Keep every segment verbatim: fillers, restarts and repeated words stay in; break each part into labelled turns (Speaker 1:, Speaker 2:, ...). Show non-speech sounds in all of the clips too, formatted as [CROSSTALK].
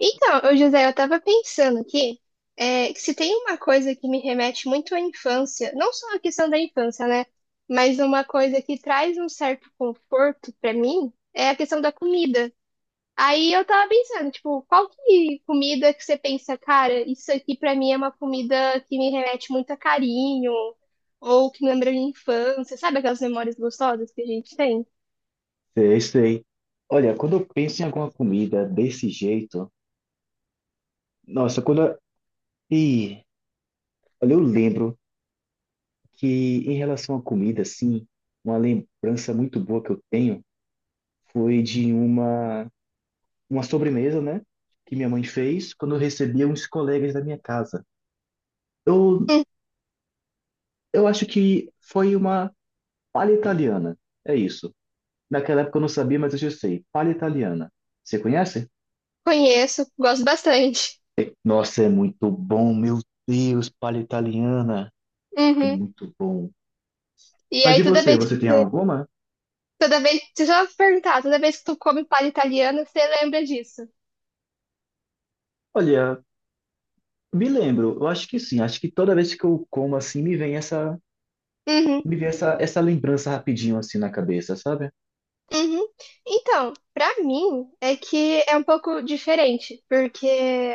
Speaker 1: Então, ô José, eu tava pensando aqui, é, que se tem uma coisa que me remete muito à infância, não só a questão da infância, né? Mas uma coisa que traz um certo conforto pra mim é a questão da comida. Aí eu tava pensando, tipo, qual que comida que você pensa, cara, isso aqui pra mim é uma comida que me remete muito a carinho, ou que me lembra minha infância, sabe aquelas memórias gostosas que a gente tem?
Speaker 2: Sei, sei. Olha, quando eu penso em alguma comida desse jeito, nossa, quando eu... Ih, olha, eu lembro que em relação à comida, assim, uma lembrança muito boa que eu tenho foi de uma, uma sobremesa, né, que minha mãe fez quando eu recebia uns colegas da minha casa. Eu,
Speaker 1: Hum,
Speaker 2: eu acho que foi uma palha italiana, é isso. Naquela época eu não sabia, mas hoje eu sei, palha italiana. Você conhece?
Speaker 1: conheço, gosto bastante.
Speaker 2: Nossa, é muito bom, meu Deus, palha italiana. É
Speaker 1: Uhum.
Speaker 2: muito bom.
Speaker 1: E
Speaker 2: Mas
Speaker 1: aí
Speaker 2: e
Speaker 1: toda
Speaker 2: você,
Speaker 1: vez que
Speaker 2: você tem
Speaker 1: você
Speaker 2: alguma?
Speaker 1: toda vez, deixa eu te perguntar, toda vez que tu come palha italiana, você lembra disso?
Speaker 2: Olha, me lembro, eu acho que sim, acho que toda vez que eu como assim, me vem essa,
Speaker 1: Uhum,
Speaker 2: me vem essa, essa lembrança rapidinho assim na cabeça, sabe?
Speaker 1: uhum. Então, pra mim é que é um pouco diferente, porque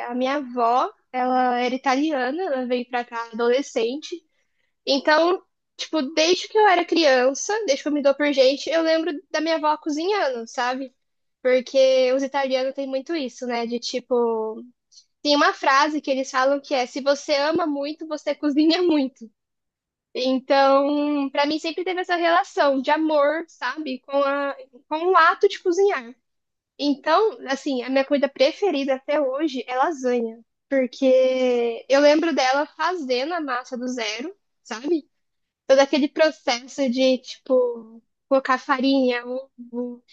Speaker 1: a minha avó, ela era italiana, ela veio pra cá adolescente. Então, tipo, desde que eu era criança, desde que eu me dou por gente, eu lembro da minha avó cozinhando, sabe? Porque os italianos têm muito isso, né? De tipo, tem uma frase que eles falam que é: se você ama muito, você cozinha muito. Então, para mim sempre teve essa relação de amor, sabe, com a, com o ato de cozinhar. Então, assim, a minha comida preferida até hoje é lasanha, porque eu lembro dela fazendo a massa do zero, sabe? Todo aquele processo de, tipo, colocar farinha, ovo,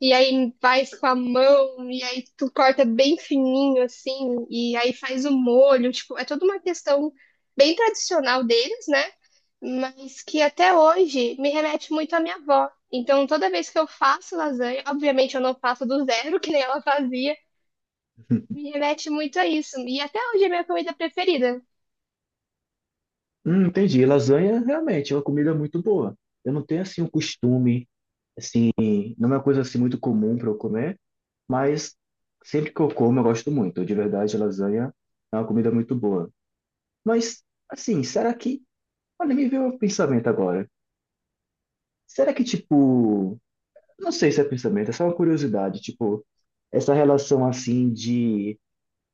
Speaker 1: e aí faz com a mão, e aí tu corta bem fininho, assim, e aí faz o molho. Tipo, é toda uma questão bem tradicional deles, né? Mas que até hoje me remete muito à minha avó. Então, toda vez que eu faço lasanha, obviamente eu não faço do zero, [LAUGHS] que nem ela fazia, me remete muito a isso. E até hoje é minha comida preferida.
Speaker 2: Hum, entendi, lasanha realmente é uma comida muito boa. Eu não tenho assim um costume, assim, não é uma coisa assim muito comum para eu comer, mas sempre que eu como eu gosto muito. De verdade, lasanha é uma comida muito boa. Mas, assim, será que, olha, me veio um pensamento agora. Será que, tipo, Não sei se é pensamento, é só uma curiosidade. Tipo, essa relação assim de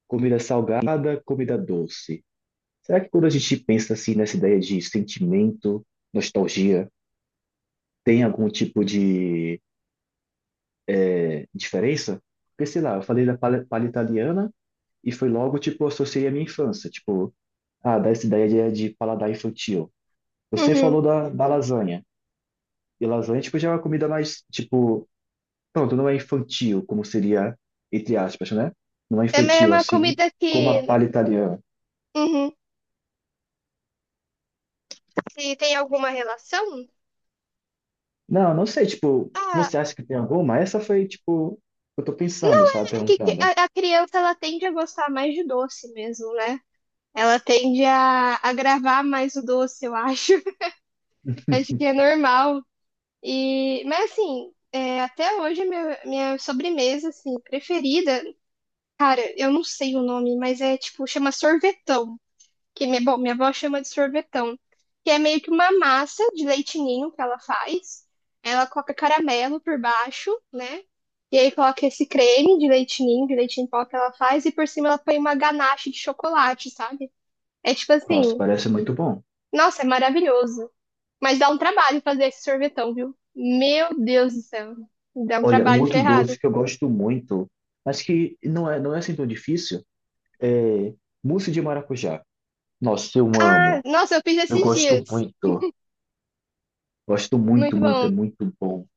Speaker 2: comida salgada, comida doce. Será que quando a gente pensa assim nessa ideia de sentimento, nostalgia, tem algum tipo de eh, diferença? Porque, sei lá, eu falei da pala, palha italiana e foi logo, tipo, associei à minha infância. Tipo, ah, dá essa ideia de, de paladar infantil. Você
Speaker 1: Uhum.
Speaker 2: falou da, da lasanha. E lasanha, tipo, já é uma comida mais, tipo, Pronto, não é infantil, como seria, entre aspas, né? Não é
Speaker 1: Também é
Speaker 2: infantil
Speaker 1: uma
Speaker 2: assim,
Speaker 1: comida
Speaker 2: como a
Speaker 1: que,
Speaker 2: palha italiana.
Speaker 1: uhum, se tem alguma relação,
Speaker 2: Não, não sei, tipo,
Speaker 1: ah,
Speaker 2: você acha que tem alguma? Essa foi, tipo, eu tô pensando,
Speaker 1: não.
Speaker 2: sabe?
Speaker 1: É que que
Speaker 2: Perguntando.
Speaker 1: a, a criança ela tende a gostar mais de doce mesmo, né? Ela tende a, a gravar mais o doce, eu acho. [LAUGHS] Acho que é normal. E, mas assim, é, até hoje meu, minha sobremesa assim preferida, cara, eu não sei o nome, mas é tipo chama sorvetão que minha, bom, minha avó chama de sorvetão, que é meio que uma massa de leite ninho que ela faz. Ela coloca caramelo por baixo, né? E aí coloca esse creme de leite ninho, de leite em pó que ela faz, e por cima ela põe uma ganache de chocolate, sabe? É tipo
Speaker 2: Nossa,
Speaker 1: assim,
Speaker 2: parece muito bom.
Speaker 1: nossa, é maravilhoso. Mas dá um trabalho fazer esse sorvetão, viu? Meu Deus do céu. Dá um
Speaker 2: Olha, um
Speaker 1: trabalho
Speaker 2: outro
Speaker 1: ferrado.
Speaker 2: doce que eu gosto muito, mas que não é, não é assim tão difícil, é mousse de maracujá. Nossa, eu
Speaker 1: Ah,
Speaker 2: amo.
Speaker 1: nossa, eu fiz
Speaker 2: Eu
Speaker 1: esses
Speaker 2: gosto
Speaker 1: dias.
Speaker 2: muito. Gosto muito,
Speaker 1: Muito
Speaker 2: muito, é
Speaker 1: bom.
Speaker 2: muito bom.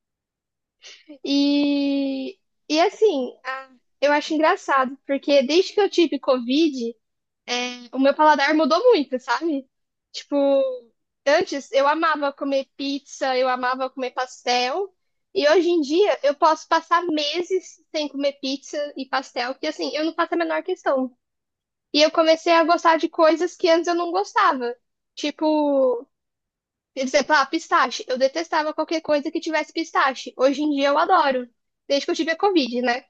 Speaker 1: E, e assim, a- eu acho engraçado, porque desde que eu tive Covid, o meu paladar mudou muito, sabe? Tipo, antes eu amava comer pizza, eu amava comer pastel, e hoje em dia eu posso passar meses sem comer pizza e pastel, que assim, eu não faço a menor questão. E eu comecei a gostar de coisas que antes eu não gostava. Tipo, por exemplo, ah, pistache. Eu detestava qualquer coisa que tivesse pistache. Hoje em dia eu adoro, desde que eu tive a Covid, né?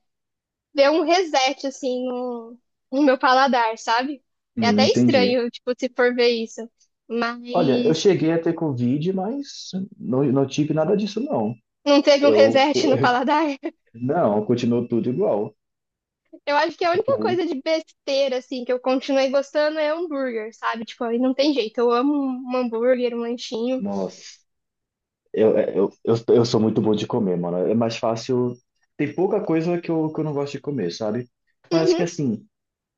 Speaker 1: Deu um reset, assim, no, no meu paladar, sabe? É
Speaker 2: Hum,
Speaker 1: até
Speaker 2: entendi.
Speaker 1: estranho, tipo, se for ver isso.
Speaker 2: Olha, eu
Speaker 1: Mas
Speaker 2: cheguei a ter Covid, mas não, não tive nada disso, não.
Speaker 1: não teve um
Speaker 2: Eu,
Speaker 1: reset no paladar. [LAUGHS]
Speaker 2: não, continuo tudo igual.
Speaker 1: Eu acho que a única
Speaker 2: Tipo,
Speaker 1: coisa de besteira, assim, que eu continuei gostando é hambúrguer, sabe? Tipo, aí não tem jeito. Eu amo um hambúrguer, um lanchinho.
Speaker 2: nossa, eu, eu, eu, eu sou muito bom de comer, mano. É mais fácil. Tem pouca coisa que eu, que eu não gosto de comer, sabe? Mas acho que
Speaker 1: Uhum.
Speaker 2: assim,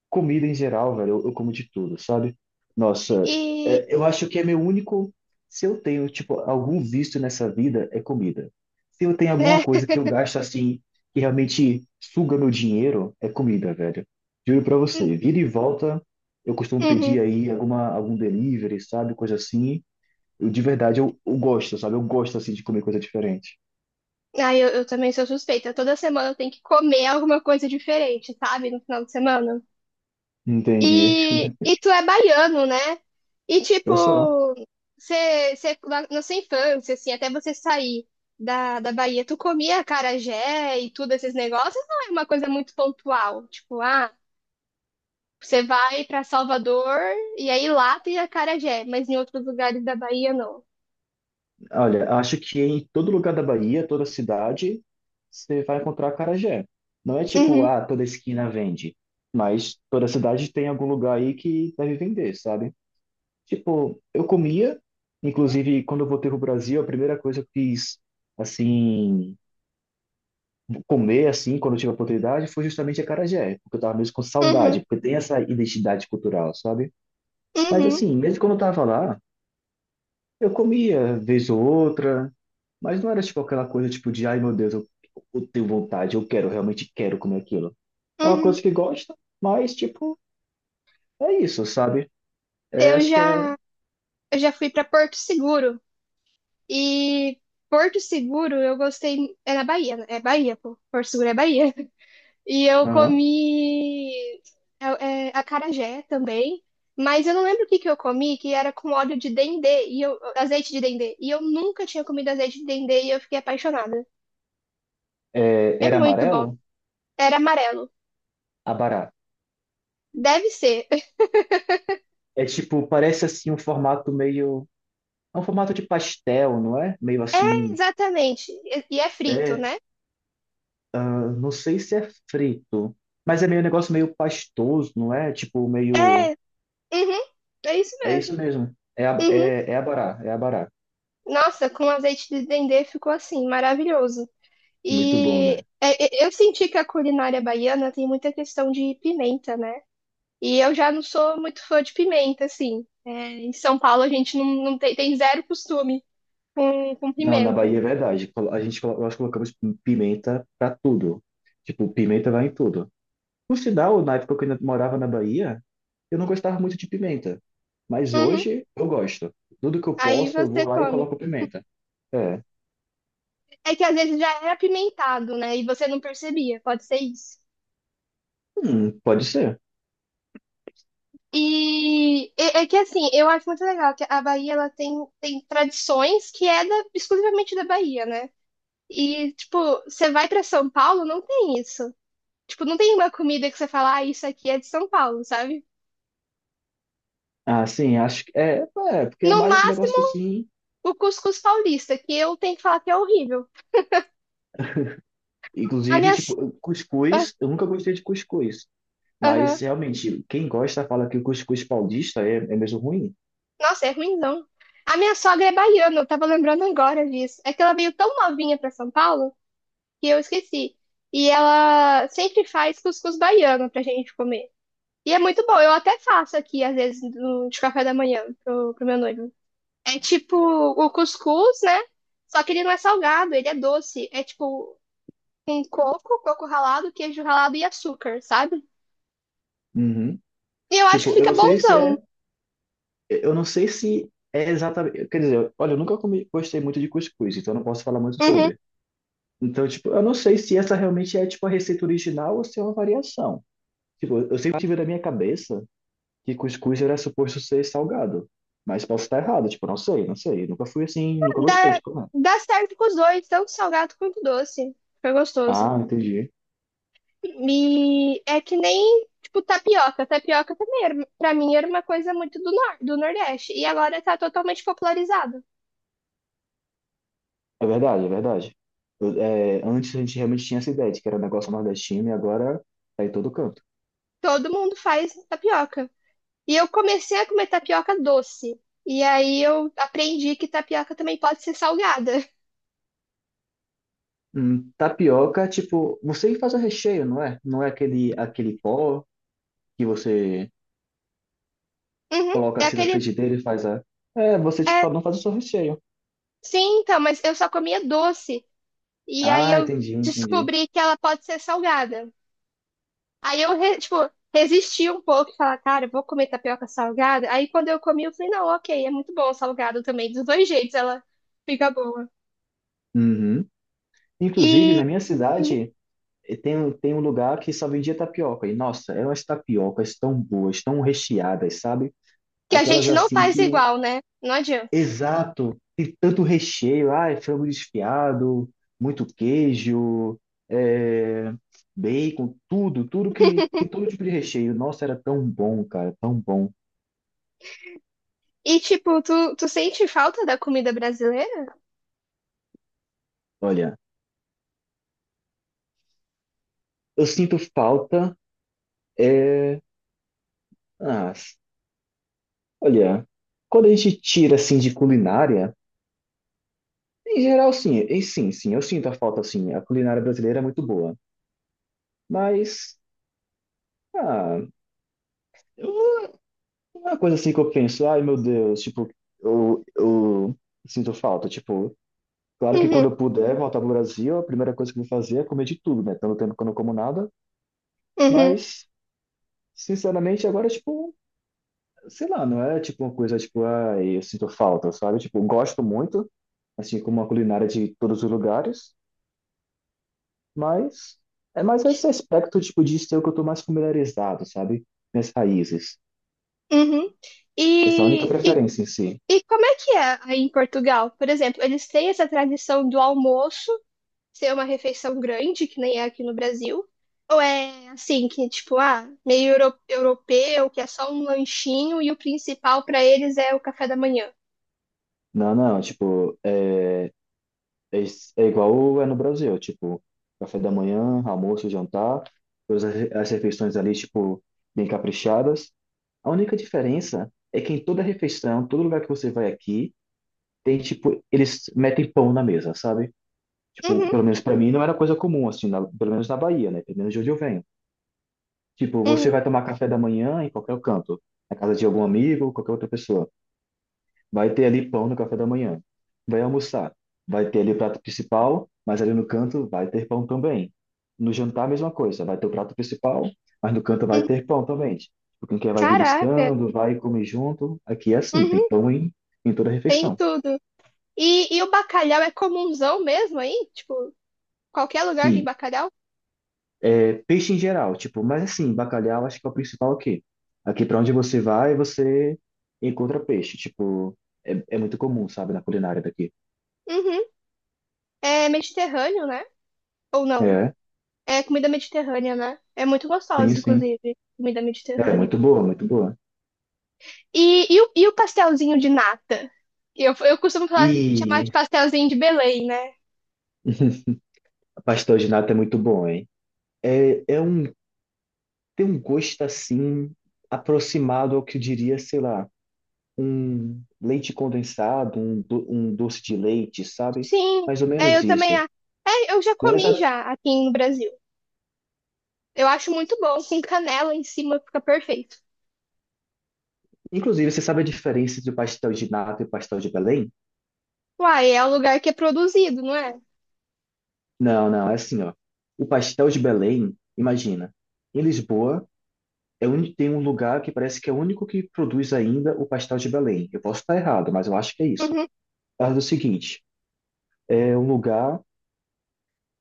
Speaker 2: Comida em geral, velho, eu, eu como de tudo, sabe? Nossa,
Speaker 1: E,
Speaker 2: é, eu acho que é meu único. Se eu tenho, tipo, algum vício nessa vida, é comida. Se eu tenho alguma
Speaker 1: né?
Speaker 2: coisa que eu gasto assim, que realmente suga meu dinheiro, é comida, velho. Juro pra você,
Speaker 1: [LAUGHS]
Speaker 2: vira e volta, eu costumo
Speaker 1: Uhum.
Speaker 2: pedir aí alguma, algum delivery, sabe? Coisa assim. Eu, de verdade, eu, eu gosto, sabe? Eu gosto, assim, de comer coisa diferente.
Speaker 1: Ah, eu, eu também sou suspeita. Toda semana eu tenho que comer alguma coisa diferente, sabe? No final de semana.
Speaker 2: Entendi.
Speaker 1: E, e tu é baiano, né? E
Speaker 2: Eu sou.
Speaker 1: tipo, você, você, na na sua infância, assim, até você sair da, da Bahia, tu comia acarajé e tudo esses negócios, não é uma coisa muito pontual. Tipo, ah, você vai pra Salvador e aí lá tem acarajé, mas em outros lugares da Bahia não.
Speaker 2: Olha, acho que em todo lugar da Bahia, toda cidade, você vai encontrar acarajé. Não é tipo,
Speaker 1: Uhum,
Speaker 2: ah, toda esquina vende, mas toda cidade tem algum lugar aí que deve vender, sabe? Tipo, eu comia, inclusive quando eu voltei pro Brasil, a primeira coisa que eu quis, assim, comer, assim, quando eu tive a oportunidade, foi justamente acarajé, porque eu tava mesmo com
Speaker 1: uhum,
Speaker 2: saudade, porque tem essa identidade cultural, sabe? Mas
Speaker 1: uhum,
Speaker 2: assim, mesmo quando eu tava lá, Eu comia vez ou outra, mas não era tipo aquela coisa tipo de, ai meu Deus, eu, eu tenho vontade, eu quero, realmente quero comer aquilo. É uma
Speaker 1: uhum.
Speaker 2: coisa que gosta, mas tipo, é isso, sabe? É,
Speaker 1: Eu
Speaker 2: acho que é,
Speaker 1: já, eu já fui pra Porto Seguro e Porto Seguro eu gostei, é na Bahia, né? É Bahia, pô. Porto Seguro é Bahia. E eu
Speaker 2: aham.
Speaker 1: comi é, é, acarajé também, mas eu não lembro o que que eu comi, que era com óleo de dendê, e eu, azeite de dendê. E eu nunca tinha comido azeite de dendê e eu fiquei apaixonada.
Speaker 2: É,
Speaker 1: É
Speaker 2: Era
Speaker 1: muito bom.
Speaker 2: amarelo?
Speaker 1: Era amarelo.
Speaker 2: Abará.
Speaker 1: Deve ser. [LAUGHS]
Speaker 2: É tipo, parece assim um formato meio. É um formato de pastel, não é? Meio
Speaker 1: É,
Speaker 2: assim.
Speaker 1: exatamente. E e é frito,
Speaker 2: É,
Speaker 1: né?
Speaker 2: ah, não sei se é frito, mas é meio um negócio meio pastoso, não é? Tipo,
Speaker 1: É,
Speaker 2: meio.
Speaker 1: uhum, é isso
Speaker 2: É isso
Speaker 1: mesmo.
Speaker 2: mesmo. É, a-
Speaker 1: Uhum.
Speaker 2: é, é abará, é abará.
Speaker 1: Nossa, com azeite de dendê ficou assim, maravilhoso.
Speaker 2: Muito bom,
Speaker 1: E
Speaker 2: né?
Speaker 1: é, é, eu senti que a culinária baiana tem muita questão de pimenta, né? E eu já não sou muito fã de pimenta, assim. É, em São Paulo a gente não, não tem, tem zero costume com, com
Speaker 2: Não, na
Speaker 1: pimenta.
Speaker 2: Bahia é verdade. Colo- A gente, colo- nós colocamos pimenta pra tudo. Tipo, pimenta vai em tudo. Por sinal, na época que eu ainda morava na Bahia, eu não gostava muito de pimenta. Mas
Speaker 1: Uhum.
Speaker 2: hoje eu gosto. Tudo que eu
Speaker 1: Aí
Speaker 2: posso, eu vou
Speaker 1: você
Speaker 2: lá e
Speaker 1: come.
Speaker 2: coloco pimenta. É.
Speaker 1: É que às vezes já era apimentado, né? E você não percebia, pode ser isso.
Speaker 2: Hum, pode ser.
Speaker 1: E é, é que assim, eu acho muito legal que a Bahia ela tem, tem tradições que é da- exclusivamente da Bahia, né? E, tipo, você vai pra São Paulo, não tem isso. Tipo, não tem uma comida que você fala, ah, isso aqui é de São Paulo, sabe?
Speaker 2: Ah, sim, acho que é, é, porque é
Speaker 1: No
Speaker 2: mais esse
Speaker 1: máximo
Speaker 2: negócio assim.
Speaker 1: o cuscuz paulista, que eu tenho que falar que é horrível. A
Speaker 2: Inclusive,
Speaker 1: minha.
Speaker 2: tipo, cuscuz, eu nunca gostei de cuscuz.
Speaker 1: Aham.
Speaker 2: Mas realmente, quem gosta fala que o cuscuz paulista é, é mesmo ruim.
Speaker 1: Nossa, é ruimzão. A minha sogra é baiana, eu tava lembrando agora disso. É que ela veio tão novinha pra São Paulo que eu esqueci. E ela sempre faz cuscuz baiano pra gente comer. E é muito bom, eu até faço aqui, às vezes, no- de café da manhã pro, pro meu noivo. É tipo o cuscuz, né? Só que ele não é salgado, ele é doce. É tipo com coco, coco ralado, queijo ralado e açúcar, sabe?
Speaker 2: Uhum.
Speaker 1: E eu acho que
Speaker 2: Tipo, eu
Speaker 1: fica
Speaker 2: não sei se
Speaker 1: bonzão.
Speaker 2: é. Eu não sei se é exatamente. Quer dizer, olha, eu nunca comi, gostei muito de cuscuz, então eu não posso falar muito
Speaker 1: Uhum.
Speaker 2: sobre. Então, tipo, eu não sei se essa realmente é, tipo, a receita original ou se é uma variação. Tipo, eu sempre tive na minha cabeça que cuscuz era suposto ser salgado. Mas posso estar errado, tipo, não sei, não sei. Nunca fui assim, nunca gostei,
Speaker 1: Dá,
Speaker 2: tipo, não.
Speaker 1: dá certo com os dois, tanto salgado quanto doce. Fica gostoso.
Speaker 2: Ah, entendi.
Speaker 1: E é que nem, tipo, tapioca. Tapioca também, era, pra mim, era uma coisa muito do, nor do Nordeste. E agora tá totalmente popularizado.
Speaker 2: É verdade, é verdade. Eu- é, antes a gente realmente tinha essa ideia de que era um negócio nordestino e agora tá em todo canto.
Speaker 1: Todo mundo faz tapioca. E eu comecei a comer tapioca doce. E aí eu aprendi que tapioca também pode ser salgada. [LAUGHS]
Speaker 2: Hum, tapioca, tipo, você que faz o recheio, não é? Não é aquele, aquele pó que você
Speaker 1: Uhum.
Speaker 2: coloca
Speaker 1: É
Speaker 2: assim na
Speaker 1: aquele.
Speaker 2: frigideira e faz a. É, você, tipo,
Speaker 1: É,
Speaker 2: cada um faz o seu recheio.
Speaker 1: sim, então, mas eu só comia doce. E aí
Speaker 2: Ah,
Speaker 1: eu
Speaker 2: entendi, entendi.
Speaker 1: descobri que ela pode ser salgada. Aí eu, re- tipo, resisti um pouco, e falar, cara, eu vou comer tapioca salgada. Aí quando eu comi, eu falei, não, ok, é muito bom o salgado também. Dos dois jeitos ela fica boa.
Speaker 2: Uhum. Inclusive,
Speaker 1: E
Speaker 2: na minha cidade, eh, tem, um- tem um lugar que só vendia tapioca. E, nossa, eram as tapiocas tão boas, tão recheadas, sabe?
Speaker 1: que a
Speaker 2: Aquelas
Speaker 1: gente não
Speaker 2: assim
Speaker 1: faz
Speaker 2: que
Speaker 1: igual, né? Não adianta.
Speaker 2: Exato, e tanto recheio, ah, frango desfiado, muito queijo, é, bacon, tudo, tudo que tem todo tipo de recheio. Nossa, era tão bom, cara, tão bom.
Speaker 1: E, tipo, tu, tu sente falta da comida brasileira?
Speaker 2: Olha, eu sinto falta. Ah, olha, quando a gente tira assim de culinária, em geral, sim, e sim, sim, eu sinto a falta, assim. A culinária brasileira é muito boa, mas ah, eu- uma coisa assim que eu penso, ai meu Deus, tipo, eu, eu sinto falta, tipo. Claro que
Speaker 1: Uhum,
Speaker 2: quando eu puder voltar pro Brasil, a primeira coisa que eu vou fazer é comer de tudo, né? Tanto tempo que eu não como nada,
Speaker 1: uhum,
Speaker 2: mas, sinceramente, agora, tipo, sei lá, não é tipo uma coisa, tipo, ah, eu sinto falta, sabe? Tipo, eu gosto muito, assim, como a culinária de todos os lugares, mas é mais esse aspecto, tipo, de ser o que eu tô mais familiarizado, sabe? Minhas raízes.
Speaker 1: uhum.
Speaker 2: Essa é a única
Speaker 1: E, e,
Speaker 2: preferência em si.
Speaker 1: e como é que é aí em Portugal? Por exemplo, eles têm essa tradição do almoço ser uma refeição grande, que nem é aqui no Brasil, ou é assim, que tipo, ah, meio euro- europeu, que é só um lanchinho e o principal pra eles é o café da manhã.
Speaker 2: Não, não, tipo, é É, is- é igual é no Brasil, tipo, café da manhã, almoço, jantar, todas as re- as refeições ali, tipo, bem caprichadas. A única diferença é que em toda refeição, todo lugar que você vai aqui, tem, tipo, eles metem pão na mesa, sabe? Tipo,
Speaker 1: Uhum,
Speaker 2: pelo menos pra mim não era coisa comum, assim, na- pelo menos na Bahia, né? Pelo menos de onde eu venho. Tipo, você
Speaker 1: uhum,
Speaker 2: vai tomar café da manhã em qualquer canto, na casa de algum amigo, qualquer outra pessoa. Vai ter ali pão no café da manhã. Vai almoçar. Vai ter ali o prato principal, mas ali no canto vai ter pão também. No jantar, a mesma coisa. Vai ter o prato principal, mas no canto vai
Speaker 1: uhum.
Speaker 2: ter pão também. Tipo, quem quer vai
Speaker 1: Caraca,
Speaker 2: beliscando, vai comer junto. Aqui é assim, tem
Speaker 1: uhum,
Speaker 2: pão em, em toda a
Speaker 1: tem
Speaker 2: refeição.
Speaker 1: tudo. E, e o bacalhau é comunzão mesmo aí? Tipo, qualquer lugar tem
Speaker 2: Sim.
Speaker 1: bacalhau?
Speaker 2: É, peixe em geral, tipo, mas assim, bacalhau acho que é o principal aqui. Aqui para onde você vai, você encontra peixe. Tipo, é, é muito comum, sabe, na culinária daqui.
Speaker 1: Uhum. É mediterrâneo, né? Ou não?
Speaker 2: É,
Speaker 1: É comida mediterrânea, né? É muito
Speaker 2: sim,
Speaker 1: gostosa,
Speaker 2: sim.
Speaker 1: inclusive, comida
Speaker 2: É,
Speaker 1: mediterrânea.
Speaker 2: muito boa, muito boa.
Speaker 1: E, e, o, e o pastelzinho de nata? Eu, eu costumo falar- chamar de
Speaker 2: E
Speaker 1: pastelzinho de Belém, né?
Speaker 2: a pastel de nata é muito bom, hein? É, é um, tem um gosto assim, aproximado ao que eu diria, sei lá, um leite condensado, um, do- um doce de leite, sabe?
Speaker 1: Sim,
Speaker 2: Mais ou
Speaker 1: é,
Speaker 2: menos
Speaker 1: eu também.
Speaker 2: isso.
Speaker 1: A- é, eu já
Speaker 2: Não é
Speaker 1: comi
Speaker 2: exa-
Speaker 1: já aqui no Brasil. Eu acho muito bom, com canela em cima fica perfeito.
Speaker 2: Inclusive, você sabe a diferença entre o pastel de nata e o pastel de Belém?
Speaker 1: Uai, é o lugar que é produzido, não é?
Speaker 2: Não, não, é assim, ó. O pastel de Belém, imagina, em Lisboa, é um tem um lugar que parece que é o único que produz ainda o pastel de Belém. Eu posso estar errado, mas eu acho que é isso.
Speaker 1: Uhum,
Speaker 2: É o seguinte, é um lugar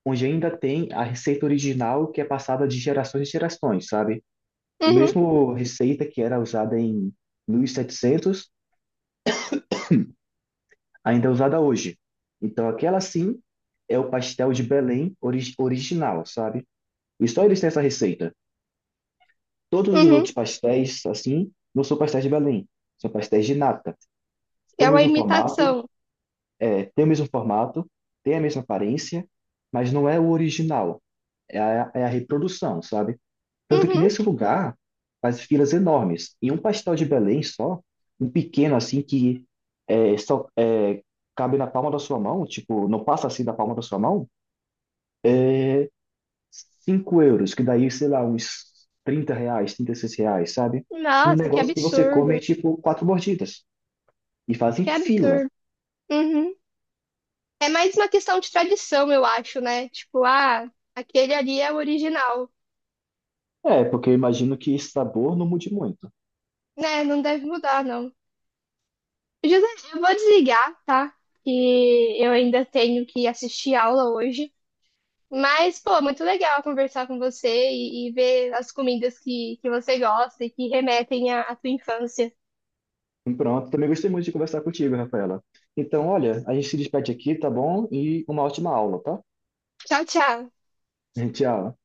Speaker 2: onde ainda tem a receita original que é passada de gerações em gerações, sabe? O
Speaker 1: uhum,
Speaker 2: mesmo receita que era usada em mil e setecentos ainda é usada hoje. Então, aquela sim é o pastel de Belém ori- original, sabe? E só eles têm essa receita. Todos os
Speaker 1: uhum.
Speaker 2: outros pastéis, assim, não são pastéis de Belém, são pastéis de nata.
Speaker 1: É
Speaker 2: Tem o
Speaker 1: uma
Speaker 2: mesmo
Speaker 1: imitação.
Speaker 2: formato, é, tem o mesmo formato, tem a mesma aparência, mas não é o original, é a, é a reprodução, sabe? Tanto que
Speaker 1: Uhum.
Speaker 2: nesse lugar faz filas enormes. E um pastel de Belém só, um pequeno assim que é, só é, cabe na palma da sua mão, tipo, não passa assim da palma da sua mão, cinco euros, que daí, sei lá, uns trinta reais, trinta e seis reais, sabe? Um
Speaker 1: Nossa, que
Speaker 2: negócio que você come, é,
Speaker 1: absurdo.
Speaker 2: tipo, quatro mordidas. E fazem
Speaker 1: Que
Speaker 2: fila.
Speaker 1: absurdo. Uhum. É mais uma questão de tradição, eu acho, né? Tipo, ah, aquele ali é o original.
Speaker 2: É, porque eu imagino que esse sabor não mude muito.
Speaker 1: Né, não deve mudar, não. José, eu vou desligar, tá? Que eu ainda tenho que assistir aula hoje. Mas, pô, muito legal conversar com você e, e ver as comidas que, que você gosta e que remetem à, à tua infância.
Speaker 2: Pronto, também gostei muito de conversar contigo, Rafaela. Então, olha, a gente se despede aqui, tá bom? E uma ótima aula, tá?
Speaker 1: Tchau, tchau.
Speaker 2: [LAUGHS] Tchau.